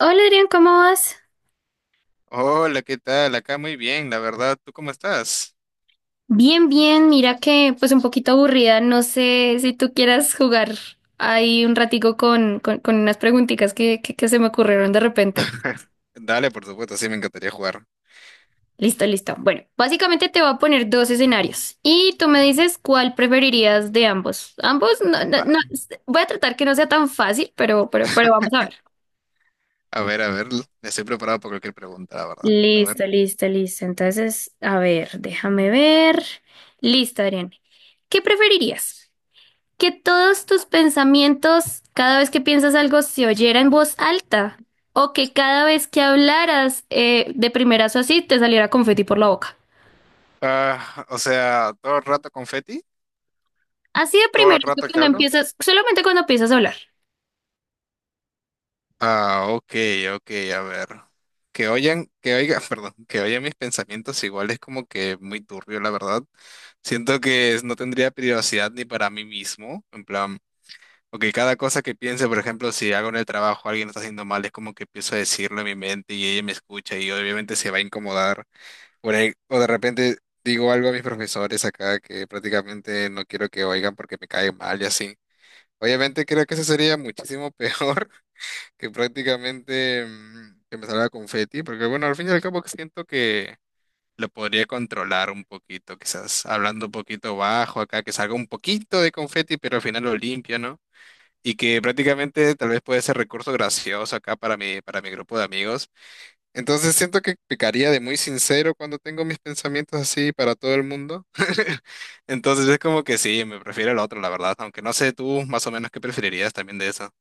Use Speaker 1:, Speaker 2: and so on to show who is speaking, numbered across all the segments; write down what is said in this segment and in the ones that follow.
Speaker 1: Hola Adrián, ¿cómo vas?
Speaker 2: Hola, ¿qué tal? Acá muy bien, la verdad. ¿Tú cómo estás?
Speaker 1: Bien, bien, mira que pues un poquito aburrida, no sé si tú quieras jugar ahí un ratico con unas preguntitas que se me ocurrieron de repente.
Speaker 2: Dale, por supuesto, sí, me encantaría jugar.
Speaker 1: Listo, listo. Bueno, básicamente te voy a poner dos escenarios y tú me dices cuál preferirías de ambos. Ambos, no, no,
Speaker 2: Va.
Speaker 1: no, voy a tratar que no sea tan fácil, pero vamos a ver.
Speaker 2: A ver, estoy preparado para cualquier pregunta, la verdad. A ver.
Speaker 1: Listo, listo, listo. Entonces, a ver, déjame ver. Listo, Adrián. ¿Qué preferirías? Que todos tus pensamientos, cada vez que piensas algo, se oyera en voz alta. O que cada vez que hablaras de primerazo así, te saliera confeti por la boca.
Speaker 2: Ah, o sea, ¿todo el rato confeti?
Speaker 1: Así de
Speaker 2: ¿Todo el
Speaker 1: primerazo
Speaker 2: rato que
Speaker 1: cuando
Speaker 2: hablo?
Speaker 1: empiezas, solamente cuando empiezas a hablar.
Speaker 2: Ah, ok, ok, a ver. Que oigan, perdón, que oigan mis pensamientos igual es como que muy turbio, la verdad. Siento que no tendría privacidad ni para mí mismo, en plan. Ok, cada cosa que piense, por ejemplo, si hago en el trabajo, alguien lo está haciendo mal, es como que empiezo a decirlo en mi mente y ella me escucha y obviamente se va a incomodar. O de repente digo algo a mis profesores acá que prácticamente no quiero que oigan porque me cae mal y así. Obviamente creo que eso sería muchísimo peor que prácticamente que me salga confeti, porque bueno, al fin y al cabo siento que lo podría controlar un poquito, quizás hablando un poquito bajo acá, que salga un poquito de confeti, pero al final lo limpio, ¿no? Y que prácticamente tal vez puede ser recurso gracioso acá para para mi grupo de amigos. Entonces siento que pecaría de muy sincero cuando tengo mis pensamientos así para todo el mundo. Entonces es como que sí, me prefiero el otro, la verdad, aunque no sé tú más o menos qué preferirías también de eso.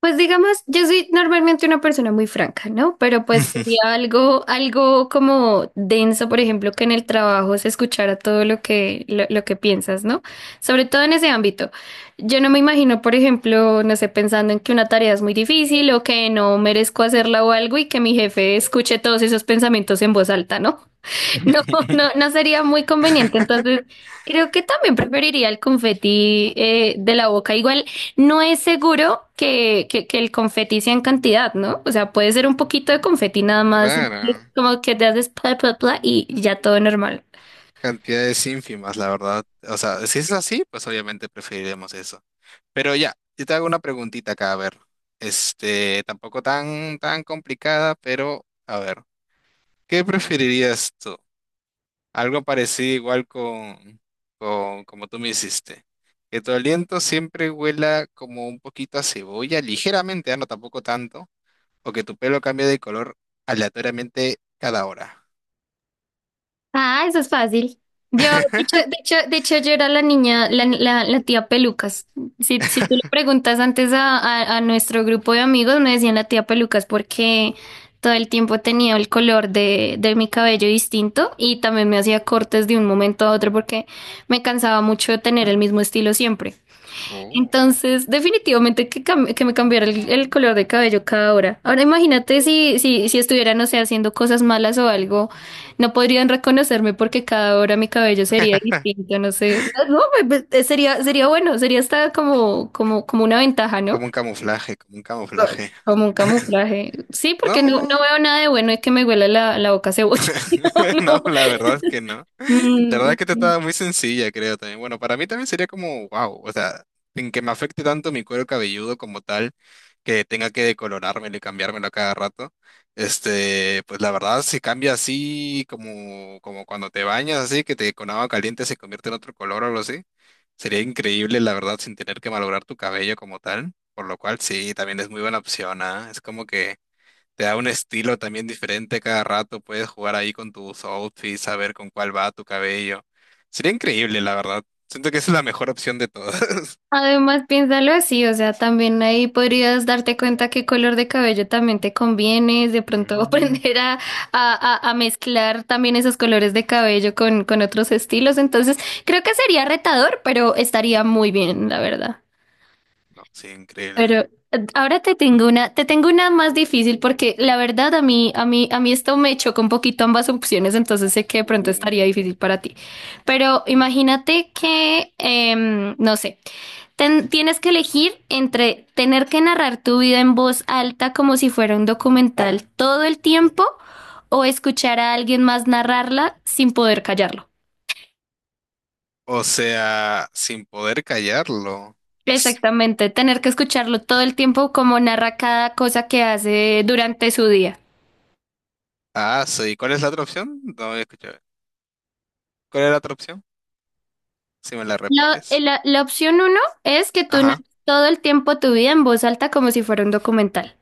Speaker 1: Pues digamos, yo soy normalmente una persona muy franca, ¿no? Pero pues sería algo, algo como denso, por ejemplo, que en el trabajo se escuchara todo lo que piensas, ¿no? Sobre todo en ese ámbito. Yo no me imagino, por ejemplo, no sé, pensando en que una tarea es muy difícil o que no merezco hacerla o algo y que mi jefe escuche todos esos pensamientos en voz alta, ¿no? No, no, no sería muy conveniente. Entonces, creo que también preferiría el confeti de la boca. Igual, no es seguro que el confeti sea en cantidad, ¿no? O sea, puede ser un poquito de confeti nada más,
Speaker 2: Claro.
Speaker 1: como que te haces pla, pla, pla y ya todo normal.
Speaker 2: Cantidades ínfimas, la verdad. O sea, si es así, pues obviamente preferiremos eso. Pero ya, yo te hago una preguntita acá, a ver. Este, tampoco tan complicada, pero a ver, ¿qué preferirías tú? Algo parecido igual con como tú me hiciste. Que tu aliento siempre huela como un poquito a cebolla, ligeramente, ah, no tampoco tanto, o que tu pelo cambie de color aleatoriamente cada hora.
Speaker 1: Ah, eso es fácil. Yo, de hecho, yo era la niña, la tía Pelucas. Si, si tú le preguntas antes a nuestro grupo de amigos, me decían la tía Pelucas porque todo el tiempo tenía el color de mi cabello distinto y también me hacía cortes de un momento a otro porque me cansaba mucho de tener el mismo estilo siempre.
Speaker 2: Oh,
Speaker 1: Entonces, definitivamente que, que me cambiara el color de cabello cada hora. Ahora imagínate si estuviera, no sé, haciendo cosas malas o algo, no podrían reconocerme porque cada hora mi cabello sería distinto, no sé. No, sería, sería bueno, sería hasta como una ventaja, ¿no?
Speaker 2: como un camuflaje, como un camuflaje.
Speaker 1: Como un camuflaje. Sí, porque no, no
Speaker 2: No.
Speaker 1: veo nada de bueno es que me huela la boca a cebolla. No,
Speaker 2: No,
Speaker 1: no.
Speaker 2: la verdad es que no. La
Speaker 1: Mm,
Speaker 2: verdad
Speaker 1: mm,
Speaker 2: es que te
Speaker 1: mm.
Speaker 2: estaba muy sencilla, creo también. Bueno, para mí también sería como, wow, o sea, sin que me afecte tanto mi cuero cabelludo como tal, que tenga que decolorármelo y cambiármelo a cada rato. Este, pues la verdad, si cambia así, como, como cuando te bañas así, que te con agua caliente se convierte en otro color o algo así, sería increíble, la verdad, sin tener que malograr tu cabello como tal. Por lo cual, sí, también es muy buena opción, ¿ah? Es como que. Te da un estilo también diferente cada rato, puedes jugar ahí con tus outfits, saber con cuál va tu cabello. Sería increíble, la verdad. Siento que esa es la mejor opción de todas.
Speaker 1: Además, piénsalo así, o sea, también ahí podrías darte cuenta qué color de cabello también te conviene, de pronto
Speaker 2: Mm,
Speaker 1: aprender a mezclar también esos colores de cabello con otros estilos. Entonces, creo que sería retador, pero estaría muy bien, la verdad.
Speaker 2: no, sí, increíble.
Speaker 1: Pero ahora te tengo una más difícil porque la verdad a mí esto me chocó un poquito ambas opciones, entonces sé que de pronto estaría
Speaker 2: Uh,
Speaker 1: difícil para ti. Pero imagínate que, no sé. Tienes que elegir entre tener que narrar tu vida en voz alta como si fuera un documental todo el tiempo o escuchar a alguien más narrarla sin poder callarlo.
Speaker 2: o sea, sin poder callarlo.
Speaker 1: Exactamente, tener que escucharlo todo el tiempo como narra cada cosa que hace durante su día.
Speaker 2: Ah, sí. ¿Cuál es la otra opción? No había escuchado. ¿Cuál es la otra opción? Si me la repites.
Speaker 1: La opción uno es que tú
Speaker 2: Ajá.
Speaker 1: narres todo el tiempo tu vida en voz alta como si fuera un documental.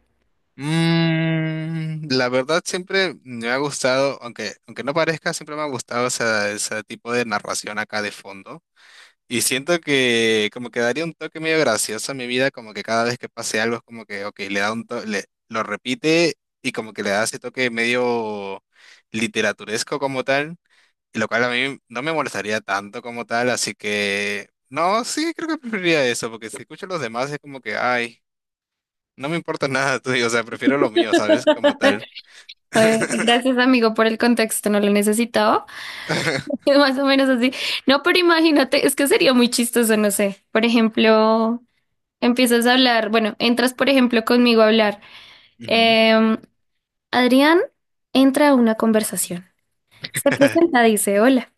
Speaker 2: Mm, la verdad siempre me ha gustado, aunque no parezca, siempre me ha gustado ese tipo de narración acá de fondo. Y siento que como que daría un toque medio gracioso a mi vida, como que cada vez que pase algo es como que, ok, le da un toque, lo repite y como que le da ese toque medio literaturesco como tal, y lo cual a mí no me molestaría tanto como tal, así que no, sí, creo que preferiría eso, porque si escucho a los demás es como que, ay, no me importa nada, tú, digo, o sea, prefiero lo mío, ¿sabes? Como tal.
Speaker 1: Gracias, amigo, por el contexto, no lo necesitaba. Es más o menos así. No, pero imagínate, es que sería muy chistoso, no sé. Por ejemplo, empiezas a hablar, bueno, entras, por ejemplo, conmigo a hablar.
Speaker 2: Ujú.
Speaker 1: Em, Adrián entra a una conversación. Se presenta, dice, hola.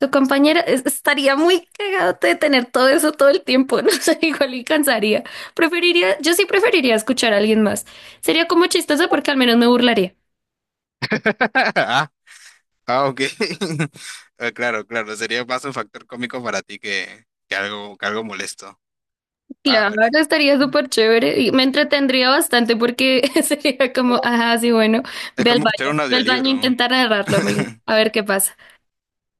Speaker 1: Tu compañera estaría muy cagado de tener todo eso todo el tiempo, no sé, igual y cansaría. Preferiría, yo sí preferiría escuchar a alguien más. Sería como chistoso porque al menos me burlaría.
Speaker 2: Ah, ok. Ah, claro, claro, sería más un factor cómico para ti que algo molesto. Ah,
Speaker 1: Claro,
Speaker 2: bueno.
Speaker 1: estaría
Speaker 2: Mm.
Speaker 1: súper chévere y me entretendría bastante porque sería como, ajá, sí, bueno,
Speaker 2: Es como escuchar un
Speaker 1: ve al baño a
Speaker 2: audiolibro, ¿no?
Speaker 1: intentar agarrarlo, amigo, a ver qué pasa.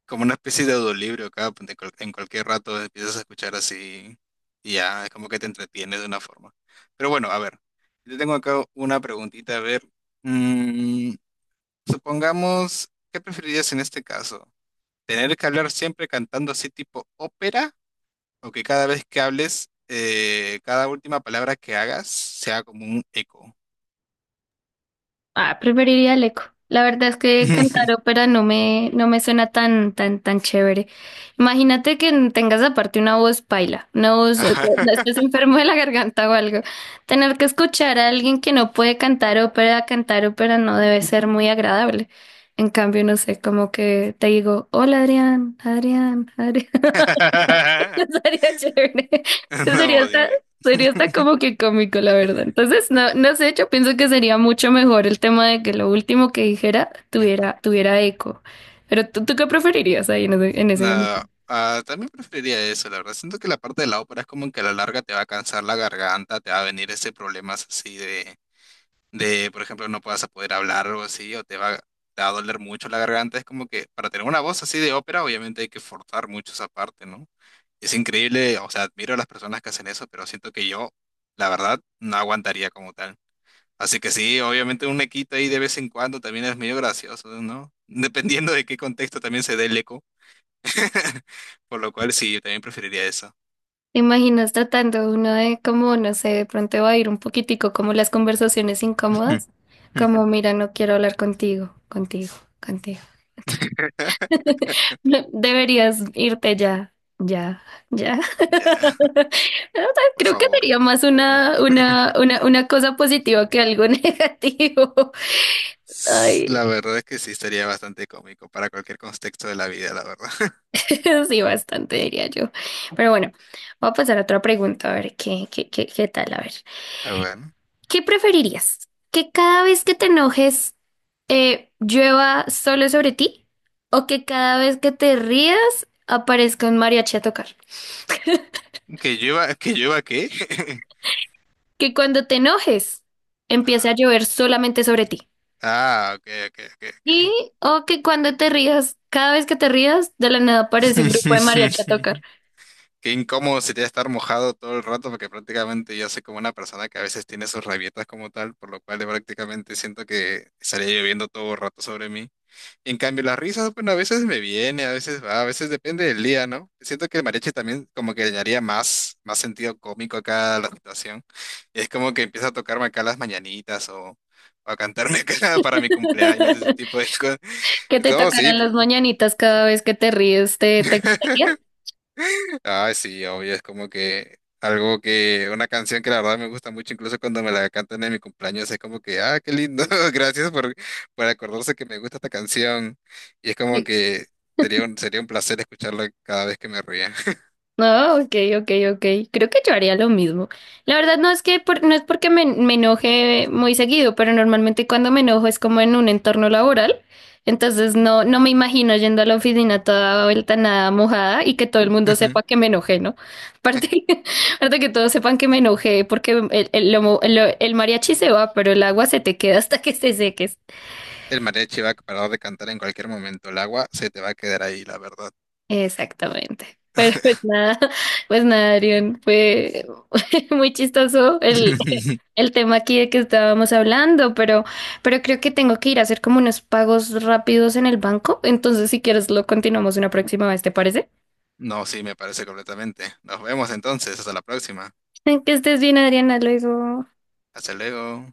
Speaker 2: Como una especie de audiolibro que en en cualquier rato empiezas a escuchar así y ya, es como que te entretienes de una forma. Pero bueno, a ver, yo tengo acá una preguntita, a ver, mm, supongamos, ¿qué preferirías en este caso? ¿Tener que hablar siempre cantando así tipo ópera? O que cada vez que hables, cada última palabra que hagas sea como un eco.
Speaker 1: Ah, preferiría el eco. La verdad es que cantar ópera no me suena tan chévere. Imagínate que tengas aparte una voz paila, una voz,
Speaker 2: Ajá.
Speaker 1: que estés enfermo de la garganta o algo. Tener que escuchar a alguien que no puede cantar ópera no debe ser muy agradable. En cambio, no sé, como que te digo, hola Adrián, Adrián, Adrián. Eso sería chévere. Eso sería
Speaker 2: No,
Speaker 1: hasta, sería hasta como que cómico, la verdad. Entonces, no, no sé, yo pienso que sería mucho mejor el tema de que lo último que dijera
Speaker 2: Ujú.
Speaker 1: tuviera, tuviera eco. Pero tú, ¿tú qué preferirías ahí en
Speaker 2: No,
Speaker 1: ese?
Speaker 2: ah, también preferiría eso, la verdad. Siento que la parte de la ópera es como que a la larga te va a cansar la garganta, te va a venir ese problemas así de. De, por ejemplo, no puedas poder hablar o algo así, o te va a doler mucho la garganta. Es como que para tener una voz así de ópera, obviamente hay que forzar mucho esa parte, ¿no? Es increíble, o sea, admiro a las personas que hacen eso, pero siento que yo, la verdad, no aguantaría como tal. Así que sí, obviamente un equito ahí de vez en cuando también es medio gracioso, ¿no? Dependiendo de qué contexto también se dé el eco. Por lo cual sí, yo también preferiría eso.
Speaker 1: ¿Te imaginas tratando uno de como, no sé, de pronto va a ir un poquitico como las conversaciones incómodas? Como, mira, no quiero hablar contigo, contigo. No, deberías irte ya, ya, ya.
Speaker 2: Ya,
Speaker 1: O sea,
Speaker 2: por
Speaker 1: creo que
Speaker 2: favor,
Speaker 1: sería
Speaker 2: por
Speaker 1: más
Speaker 2: favor.
Speaker 1: una cosa positiva que algo negativo.
Speaker 2: S-
Speaker 1: Ay,
Speaker 2: La verdad es que sí estaría bastante cómico para cualquier contexto de la vida, la verdad.
Speaker 1: sí, bastante diría yo. Pero bueno, voy a pasar a otra pregunta, a ver qué tal, a ver.
Speaker 2: Ah, bueno.
Speaker 1: ¿Qué preferirías? ¿Que cada vez que te enojes llueva solo sobre ti? ¿O que cada vez que te rías aparezca un mariachi a tocar?
Speaker 2: Que llueva qué?
Speaker 1: ¿Que cuando te enojes empiece a
Speaker 2: Ajá.
Speaker 1: llover solamente sobre ti?
Speaker 2: Ah, ok, ok,
Speaker 1: ¿Y o que cuando te rías, cada vez que te rías, de la nada
Speaker 2: ok.
Speaker 1: aparece un grupo de mariachi a tocar?
Speaker 2: Qué incómodo sería estar mojado todo el rato, porque prácticamente yo soy como una persona que a veces tiene sus rabietas como tal, por lo cual prácticamente siento que estaría lloviendo todo el rato sobre mí. En cambio, las risas, bueno, a veces me viene, a veces va, a veces depende del día, ¿no? Siento que el mariachi también como que le daría más sentido cómico acá a la situación. Es como que empieza a tocarme acá las mañanitas o a cantarme acá para mi cumpleaños, ese tipo de cosas.
Speaker 1: Que te
Speaker 2: No, sí.
Speaker 1: tocaran las mañanitas cada vez que te ríes, ¿te, te gustaría?
Speaker 2: Ah, sí, obvio, es como que algo que, una canción que la verdad me gusta mucho, incluso cuando me la cantan en mi cumpleaños, es como que, ah, qué lindo, gracias por acordarse que me gusta esta canción. Y es como que sería sería un placer escucharla cada vez que me ría.
Speaker 1: No, ok, ok, ok. Creo que yo haría lo mismo. La verdad no es que no es porque me enoje muy seguido, pero normalmente cuando me enojo es como en un entorno laboral. Entonces no, no
Speaker 2: Mm.
Speaker 1: me imagino yendo a la oficina toda vuelta nada mojada y que todo el mundo
Speaker 2: Ujú.
Speaker 1: sepa que me enojé, ¿no? Aparte, aparte que todos sepan que me enojé porque el, lo mo- lo- el mariachi se va, pero el agua se te queda hasta que se seques.
Speaker 2: El mariachi va a parar de cantar en cualquier momento, el agua se te va a quedar ahí, la verdad.
Speaker 1: Exactamente. Pero pues nada, pues nada, Arión, fue muy chistoso el tema aquí de que estábamos hablando, pero creo que tengo que ir a hacer como unos pagos rápidos en el banco. Entonces, si quieres, lo continuamos una próxima vez, ¿te parece?
Speaker 2: No, sí, me parece completamente. Nos vemos entonces, hasta la próxima.
Speaker 1: Que estés bien, Adriana, luego.
Speaker 2: Hasta luego.